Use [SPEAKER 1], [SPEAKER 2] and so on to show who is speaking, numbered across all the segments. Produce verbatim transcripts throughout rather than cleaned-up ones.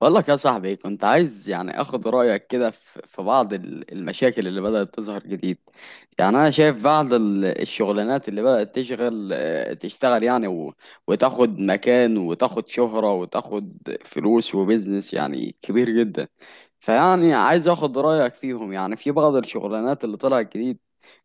[SPEAKER 1] بقول لك يا صاحبي، كنت عايز يعني اخد رايك كده في في بعض ال- المشاكل اللي بدات تظهر جديد. يعني انا شايف بعض ال- الشغلانات اللي بدات تشغل، آه، تشتغل يعني و- وتاخد مكان وتاخد شهره وتاخد فلوس وبزنس يعني كبير جدا. فيعني عايز اخد رايك فيهم، يعني في بعض الشغلانات اللي طلعت جديد،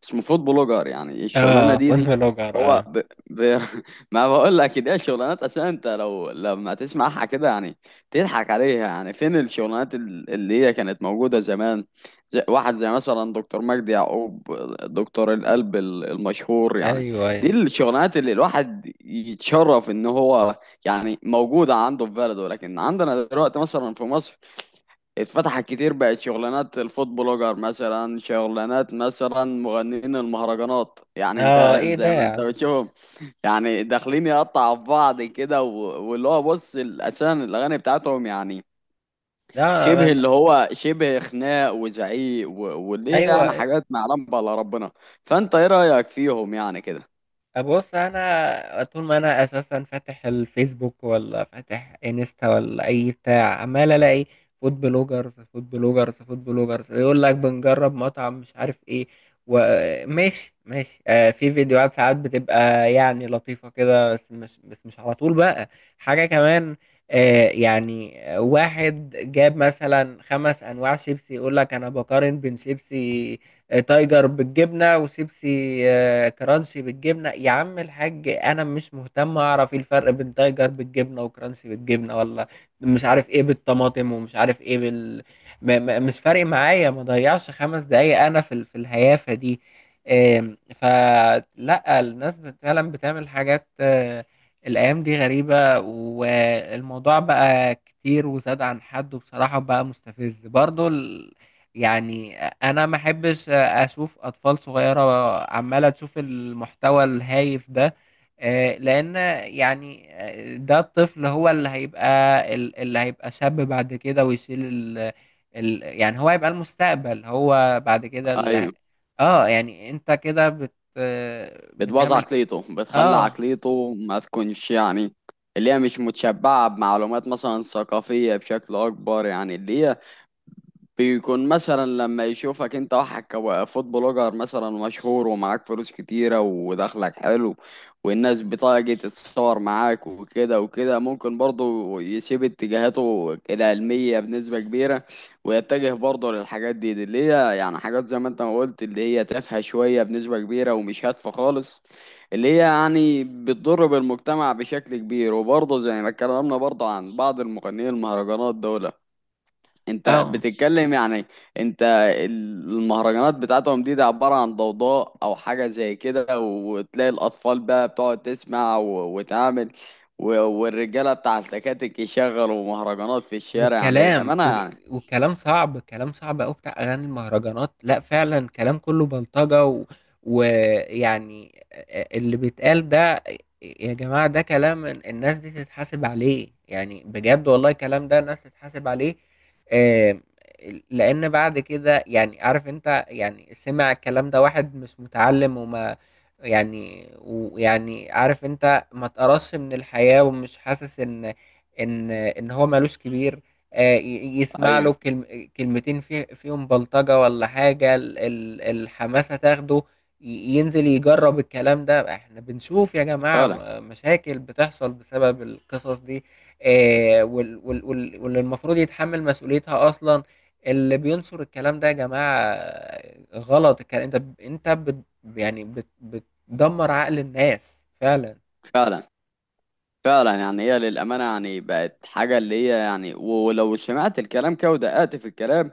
[SPEAKER 1] اسمه فود بلوجر. يعني الشغلانه
[SPEAKER 2] اه
[SPEAKER 1] دي
[SPEAKER 2] فون
[SPEAKER 1] دي
[SPEAKER 2] بلوجر،
[SPEAKER 1] هو
[SPEAKER 2] اه.
[SPEAKER 1] ب... ب... ما بقول لك ده شغلانات اساسا. انت لو لما تسمعها كده يعني تضحك عليها. يعني فين الشغلانات ال- اللي هي كانت موجودة زمان؟ زي واحد زي مثلا دكتور مجدي يعقوب، دكتور القلب ال- المشهور يعني.
[SPEAKER 2] ايوه،
[SPEAKER 1] دي
[SPEAKER 2] ايوه.
[SPEAKER 1] الشغلانات اللي الواحد يتشرف ان هو يعني موجودة عنده في بلده. لكن عندنا دلوقتي مثلا في مصر اتفتحت كتير، بقت شغلانات الفود بلوجر مثلا، شغلانات مثلا مغنيين المهرجانات. يعني انت
[SPEAKER 2] اه، ايه ده
[SPEAKER 1] زي ما
[SPEAKER 2] يا
[SPEAKER 1] انت
[SPEAKER 2] عم؟
[SPEAKER 1] بتشوفهم، يعني داخلين يقطعوا في بعض كده و- واللي هو بص ال- اساسا الاغاني بتاعتهم يعني
[SPEAKER 2] اه ما-
[SPEAKER 1] شبه
[SPEAKER 2] ما-
[SPEAKER 1] اللي هو شبه خناق وزعيق و- واللي هي يعني
[SPEAKER 2] ايوه.
[SPEAKER 1] حاجات معلم على ربنا. فانت ايه رايك فيهم يعني كده؟
[SPEAKER 2] بص، انا طول ما انا اساسا فاتح الفيسبوك ولا فاتح انستا ولا اي بتاع، عمال الاقي فود بلوجرز، فود بلوجرز، فود بلوجرز، يقول لك بنجرب مطعم مش عارف ايه، وماشي ماشي. آه، في فيديوهات ساعات بتبقى يعني لطيفة كده، بس مش بس مش على طول بقى. حاجة كمان، آه يعني واحد جاب مثلا خمس انواع شيبسي، يقول لك انا بقارن بين شيبسي تايجر بالجبنة، وشيبسي آه، وكرانسي بالجبنه. يا عم الحاج، انا مش مهتم اعرف ايه الفرق بين تايجر بالجبنه وكرانسي بالجبنه، ولا مش عارف ايه بالطماطم، ومش عارف ايه بال... ما ما مش فارق معايا، ما ضيعش خمس دقايق انا في ال- في الهيافه دي. آم، فلا، الناس بت- فعلا بتعمل حاجات. آه، الايام دي غريبه، والموضوع بقى كتير وزاد عن حد، وبصراحه بقى مستفز برضو ال- يعني. انا ما احبش اشوف اطفال صغيره عماله تشوف المحتوى الهايف ده، آه، لان يعني، آه، ده الطفل هو اللي هيبقى، ال- اللي هيبقى شاب بعد كده، ويشيل ال... ال يعني، هو هيبقى المستقبل هو بعد كده اللي ه-
[SPEAKER 1] ايوه،
[SPEAKER 2] اه. يعني انت كده بت آه،
[SPEAKER 1] بتبوظ
[SPEAKER 2] بتعمل
[SPEAKER 1] عقليته، بتخلي
[SPEAKER 2] اه
[SPEAKER 1] عقليته ما تكونش يعني اللي هي مش متشبعة بمعلومات مثلا ثقافية بشكل أكبر. يعني اللي هي بيكون مثلا لما يشوفك انت واحد كفود بلوجر مثلا مشهور ومعاك فلوس كتيرة ودخلك حلو والناس بتيجي تتصور معاك وكده وكده، ممكن برضه يسيب اتجاهاته العلمية بنسبة كبيرة ويتجه برضه للحاجات دي، دي اللي هي يعني حاجات زي ما انت ما قلت اللي هي تافهة شوية بنسبة كبيرة ومش هادفة خالص، اللي هي يعني بتضر بالمجتمع بشكل كبير. وبرضه زي ما اتكلمنا برضه عن بعض المغنيين المهرجانات دول، انت
[SPEAKER 2] اه.
[SPEAKER 1] بتتكلم يعني، انت المهرجانات بتاعتهم دي ده عبارة عن ضوضاء او حاجة زي كده. وتلاقي الاطفال بقى بتقعد تسمع و- وتعمل و- والرجالة بتاع التكاتك يشغلوا مهرجانات في الشارع يعني
[SPEAKER 2] والكلام
[SPEAKER 1] الامانة
[SPEAKER 2] وج-
[SPEAKER 1] يعني.
[SPEAKER 2] والكلام صعب، الكلام صعب قوي بتاع اغاني المهرجانات. لا فعلا، كلام كله بلطجة و- ويعني اللي بيتقال ده. يا جماعة، ده كلام الناس دي تتحاسب عليه يعني، بجد والله، الكلام ده الناس تتحاسب عليه. آم، لان بعد كده يعني عارف انت، يعني سمع الكلام ده واحد مش متعلم وما يعني، ويعني عارف انت ما تقرصش من الحياة، ومش حاسس ان ان ان هو مالوش كبير، آه، ي- يسمع
[SPEAKER 1] ايوه
[SPEAKER 2] له كلم- كلمتين في- فيهم بلطجة ولا حاجة، ال- ال- الحماسة تاخده، ي- ينزل يجرب الكلام ده. احنا بنشوف يا جماعة
[SPEAKER 1] فعلا،
[SPEAKER 2] م- مشاكل بتحصل بسبب القصص دي، آه، وال- وال- وال- واللي المفروض يتحمل مسؤوليتها أصلا، اللي بينصر الكلام ده يا جماعة آه، غلط. الكلام انت ب- انت بت يعني بت- بتدمر عقل الناس فعلا.
[SPEAKER 1] فعلا. فعلا يعني هي للأمانة يعني بقت حاجة اللي هي، يعني ولو سمعت الكلام كده ودققت في الكلام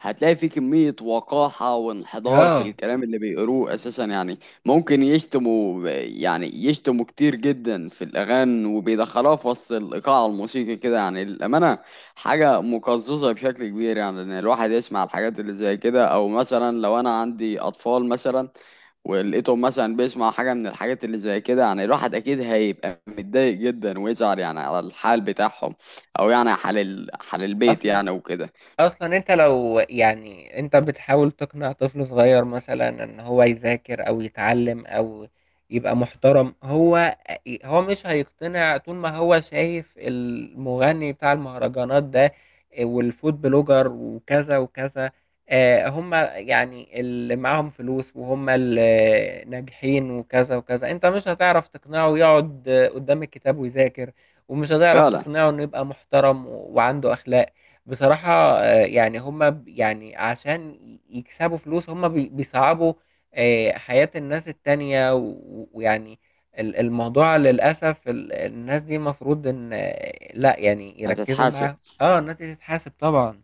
[SPEAKER 1] هتلاقي فيه كمية وقاحة وانحدار في
[SPEAKER 2] اه،
[SPEAKER 1] الكلام اللي بيقروه أساسا يعني. ممكن يشتموا، يعني يشتموا كتير جدا في الأغاني، وبيدخلوها في وسط الإيقاع الموسيقي كده يعني للأمانة. حاجة مقززة بشكل كبير يعني إن الواحد يسمع الحاجات اللي زي كده. أو مثلا لو أنا عندي أطفال مثلا ولقيته مثلا بيسمع حاجة من الحاجات اللي زي كده، يعني الواحد أكيد هيبقى متضايق جدا ويزعل يعني على الحال بتاعهم. أو يعني حال ال... حال البيت
[SPEAKER 2] اصلا
[SPEAKER 1] يعني وكده.
[SPEAKER 2] اصلا انت لو يعني، انت بتحاول تقنع طفل صغير مثلا ان هو يذاكر او يتعلم او يبقى محترم، هو هو مش هيقتنع طول ما هو شايف المغني بتاع المهرجانات ده، والفود بلوجر وكذا وكذا. آه، هم يعني اللي معاهم فلوس، وهم اللي ناجحين وكذا وكذا. انت مش هتعرف تقنعه يقعد قدام الكتاب ويذاكر، ومش هتعرف
[SPEAKER 1] فعلا.
[SPEAKER 2] تقنعه انه يبقى محترم وعنده اخلاق، بصراحة. آه، يعني هم ب- يعني عشان ي- يكسبوا فلوس، هم بي- بيصعبوا آه، حياة الناس التانية و- ويعني ال- الموضوع للأسف ال- الناس دي مفروض إن آه، لا يعني يركزوا
[SPEAKER 1] هتتحاسب
[SPEAKER 2] معاهم. اه، الناس دي تتحاسب طبعا.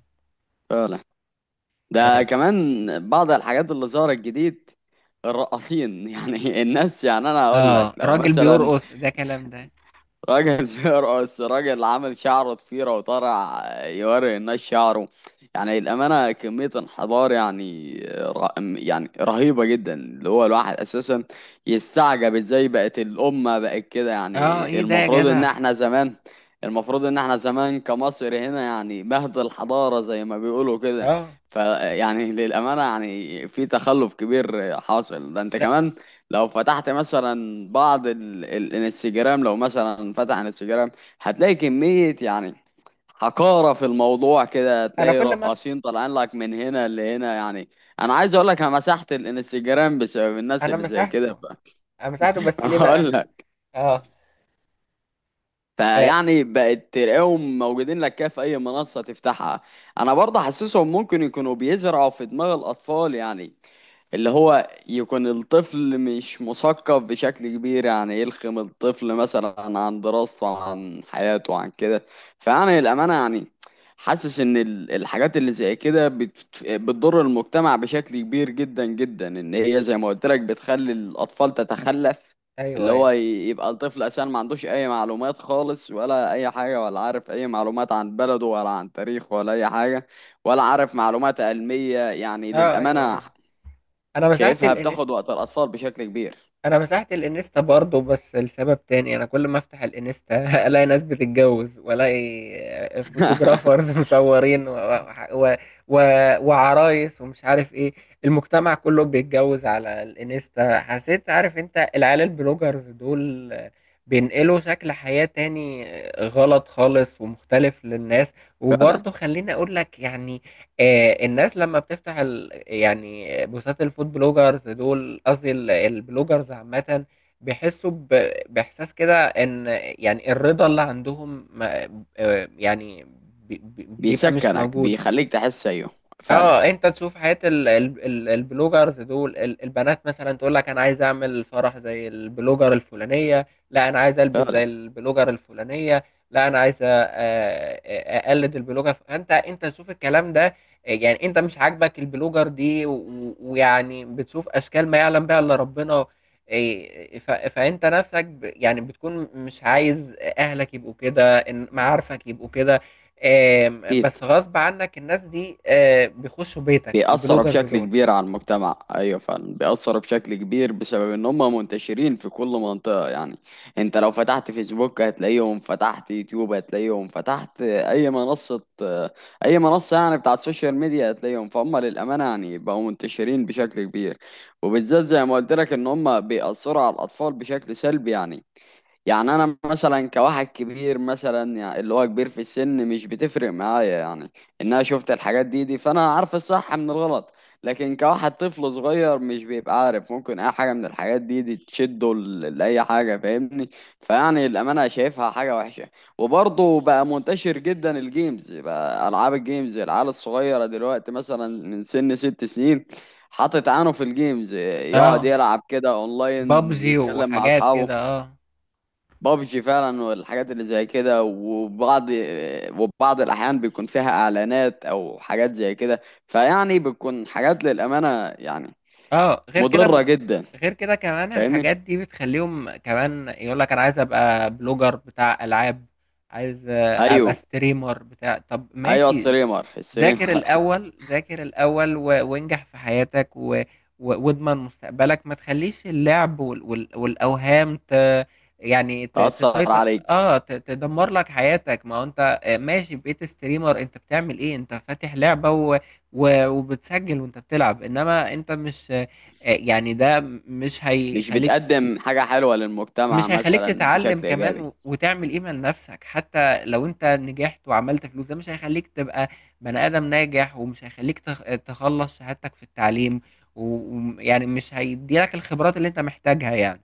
[SPEAKER 1] فعلا. ده
[SPEAKER 2] اه،
[SPEAKER 1] كمان بعض الحاجات اللي ظهرت جديد: الرقاصين. يعني الناس، يعني أنا هقول لك،
[SPEAKER 2] آه،
[SPEAKER 1] لو
[SPEAKER 2] راجل
[SPEAKER 1] مثلا
[SPEAKER 2] بيرقص؟ ده كلام ده؟
[SPEAKER 1] راجل بيرقص، راجل عامل شعره ضفيرة وطالع يوري الناس شعره، يعني الأمانة كمية انحدار يعني، ر- يعني رهيبة جدا. اللي هو الواحد أساسا يستعجب ازاي بقت الأمة بقت كده.
[SPEAKER 2] اه،
[SPEAKER 1] يعني
[SPEAKER 2] ايه ده يا
[SPEAKER 1] المفروض إن
[SPEAKER 2] جدع؟
[SPEAKER 1] احنا زمان، المفروض إن احنا زمان كمصر هنا يعني مهد الحضارة زي ما بيقولوا كده.
[SPEAKER 2] اه،
[SPEAKER 1] فيعني للأمانة يعني في تخلف كبير حاصل. ده أنت
[SPEAKER 2] لا.
[SPEAKER 1] كمان لو فتحت مثلا بعض ال... ال... الانستجرام، لو مثلا فتح انستجرام هتلاقي كمية يعني حقارة في الموضوع كده.
[SPEAKER 2] انا
[SPEAKER 1] هتلاقي
[SPEAKER 2] كل ما...
[SPEAKER 1] رقاصين طالعين لك من هنا لهنا يعني. انا عايز اقول لك، انا مسحت الانستجرام بسبب الناس
[SPEAKER 2] انا
[SPEAKER 1] اللي زي كده.
[SPEAKER 2] مسحته.
[SPEAKER 1] ف...
[SPEAKER 2] انا مسحته، بس ليه
[SPEAKER 1] هقول
[SPEAKER 2] بقى؟
[SPEAKER 1] لك.
[SPEAKER 2] اه، آه،
[SPEAKER 1] فيعني بقت تلاقيهم موجودين لك كده في اي منصة تفتحها. انا برضه حاسسهم ممكن يكونوا بيزرعوا في دماغ الاطفال، يعني اللي هو يكون الطفل مش مثقف بشكل كبير، يعني يلخم الطفل مثلا عن دراسته عن حياته عن كده. فأنا للأمانة يعني حاسس إن ال- الحاجات اللي زي كده بت- بتضر المجتمع بشكل كبير جدا جدا. إن هي زي ما قلت لك بتخلي الأطفال تتخلف،
[SPEAKER 2] ايوه،
[SPEAKER 1] اللي هو
[SPEAKER 2] ايوه.
[SPEAKER 1] ي- يبقى الطفل أساسا ما عندوش أي معلومات خالص ولا أي حاجة، ولا عارف أي معلومات عن بلده ولا عن تاريخه ولا أي حاجة، ولا عارف معلومات علمية يعني
[SPEAKER 2] اه، ايوه،
[SPEAKER 1] للأمانة.
[SPEAKER 2] ايوه. انا مسحت
[SPEAKER 1] شايفها بتاخد
[SPEAKER 2] الانستا.
[SPEAKER 1] وقت الأطفال بشكل كبير.
[SPEAKER 2] انا مسحت الانستا برضه، بس لسبب تاني. انا كل ما افتح الانستا الاقي ناس بتتجوز، والاقي فوتوغرافرز مصورين، و... و... و... وعرايس ومش عارف ايه، المجتمع كله بيتجوز على الانستا. حسيت، عارف انت، العيال البلوجرز دول بينقلوا شكل حياة تاني، غلط خالص ومختلف، للناس.
[SPEAKER 1] فعلا،
[SPEAKER 2] وبرضه خليني اقول لك يعني، آه، الناس لما بتفتح ال... يعني بوستات الفود بلوجرز دول، قصدي ال- البلوجرز عامة، بيحسوا ب... بإحساس كده إن يعني الرضا اللي عندهم ما... آه، يعني بي- بي- بيبقى مش
[SPEAKER 1] بيسكنك،
[SPEAKER 2] موجود.
[SPEAKER 1] بيخليك تحس، أيوه فعلا.
[SPEAKER 2] اه، انت تشوف حياة ال ال ال البلوجرز دول. ال- البنات مثلا تقول لك: انا عايز اعمل فرح زي البلوجر الفلانية، لا انا عايز البس
[SPEAKER 1] فعلا
[SPEAKER 2] زي البلوجر الفلانية، لا انا عايز أ- أ- اقلد البلوجر. فانت، انت تشوف الكلام ده، آه، يعني انت مش عاجبك البلوجر دي و- و- ويعني بتشوف اشكال ما يعلم بها الا ربنا. إيه، ف- فانت نفسك ب- يعني بتكون مش عايز اهلك يبقوا كده، إن- معارفك يبقوا كده. آم،
[SPEAKER 1] أكيد.
[SPEAKER 2] بس غصب عنك، الناس دي آه، بيخشوا بيتك،
[SPEAKER 1] بيأثروا
[SPEAKER 2] البلوجرز
[SPEAKER 1] بشكل
[SPEAKER 2] دول.
[SPEAKER 1] كبير على المجتمع، أيوه فعلا بيأثروا بشكل كبير بسبب إن هم منتشرين في كل منطقة يعني. أنت لو فتحت فيسبوك هتلاقيهم، فتحت يوتيوب هتلاقيهم، فتحت أي منصة، أي منصة يعني بتاعت السوشيال ميديا هتلاقيهم. فهم للأمانة يعني بقوا منتشرين بشكل كبير، وبالذات زي ما قلت لك إن هم بيأثروا على الأطفال بشكل سلبي يعني. يعني انا مثلا كواحد كبير مثلا، يعني اللي هو كبير في السن، مش بتفرق معايا يعني ان انا شفت الحاجات دي دي، فانا عارف الصح من الغلط. لكن كواحد طفل صغير مش بيبقى عارف، ممكن اي حاجة من الحاجات دي دي تشده ل- لاي حاجة، فاهمني؟ فيعني الامانة شايفها حاجة وحشة. وبرضه بقى منتشر جدا الجيمز، بقى العاب الجيمز، العيال الصغيرة دلوقتي مثلا من سن ست سنين حاطط عينه في الجيمز، يقعد
[SPEAKER 2] اه،
[SPEAKER 1] يلعب كده اونلاين
[SPEAKER 2] بابجي
[SPEAKER 1] يتكلم مع
[SPEAKER 2] وحاجات كده،
[SPEAKER 1] اصحابه.
[SPEAKER 2] اه.
[SPEAKER 1] بابجي فعلا والحاجات اللي زي كده. وبعض وبعض الاحيان بيكون فيها اعلانات او حاجات زي كده، فيعني بتكون حاجات للامانه يعني
[SPEAKER 2] اه، غير
[SPEAKER 1] مضره
[SPEAKER 2] كده،
[SPEAKER 1] جدا.
[SPEAKER 2] غير كده كمان
[SPEAKER 1] فاهمني؟
[SPEAKER 2] الحاجات دي بتخليهم كمان يقول لك: انا عايز ابقى بلوجر بتاع العاب، عايز آه، ابقى
[SPEAKER 1] ايوه
[SPEAKER 2] ستريمر بتاع. طب
[SPEAKER 1] ايوه،
[SPEAKER 2] ماشي.
[SPEAKER 1] السريمر،
[SPEAKER 2] ذاكر
[SPEAKER 1] السريمر،
[SPEAKER 2] الأول، ذاكر الأول، و... وانجح في حياتك، و... و... واضمن مستقبلك. ما تخليش اللعب وال... وال... والأوهام ت... يعني ت...
[SPEAKER 1] تاثر
[SPEAKER 2] تسيطر.
[SPEAKER 1] عليك،
[SPEAKER 2] اه، ت... تدمر لك حياتك. ما هو انت آه، ماشي بقيت ستريمر، انت بتعمل ايه؟ انت فاتح لعبة و... و... وبتسجل وانت بتلعب، انما انت مش آه، يعني ده مش
[SPEAKER 1] مش
[SPEAKER 2] هيخليك
[SPEAKER 1] بتقدم حاجه حلوه للمجتمع
[SPEAKER 2] مش هيخلّيك
[SPEAKER 1] مثلا
[SPEAKER 2] تتعلّم
[SPEAKER 1] بشكل
[SPEAKER 2] كمان،
[SPEAKER 1] ايجابي.
[SPEAKER 2] و وتعمل قيمة لنَفْسك. حتى لو أنت نجحت وعملت فلوس، ده مش هيخلّيك تبقى بني آدم ناجح، ومش هيخلّيك تخ تخلّص شهادتك في التعليم، و وم يعني مش هيدّي لك الخبرات اللي أنت محتاجها يعني.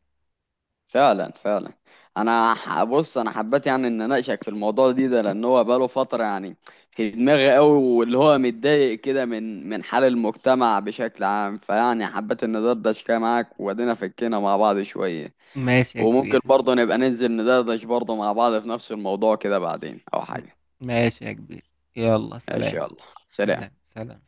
[SPEAKER 1] فعلا فعلا. انا ح- بص، انا حبيت يعني ان اناقشك في الموضوع دي ده، لان هو بقاله فتره يعني في دماغي قوي، واللي هو متضايق كده من من حال المجتمع بشكل عام. فيعني حبيت ان ندردش كده معاك وادينا فكينا مع بعض شويه.
[SPEAKER 2] ماشي يا
[SPEAKER 1] وممكن
[SPEAKER 2] كبير.
[SPEAKER 1] برضه نبقى ننزل ندردش برضه مع بعض في نفس الموضوع كده بعدين او
[SPEAKER 2] م
[SPEAKER 1] حاجه.
[SPEAKER 2] ماشي يا كبير. يالّا
[SPEAKER 1] ماشي،
[SPEAKER 2] سلام.
[SPEAKER 1] يلا، سلام.
[SPEAKER 2] سلام، سلام.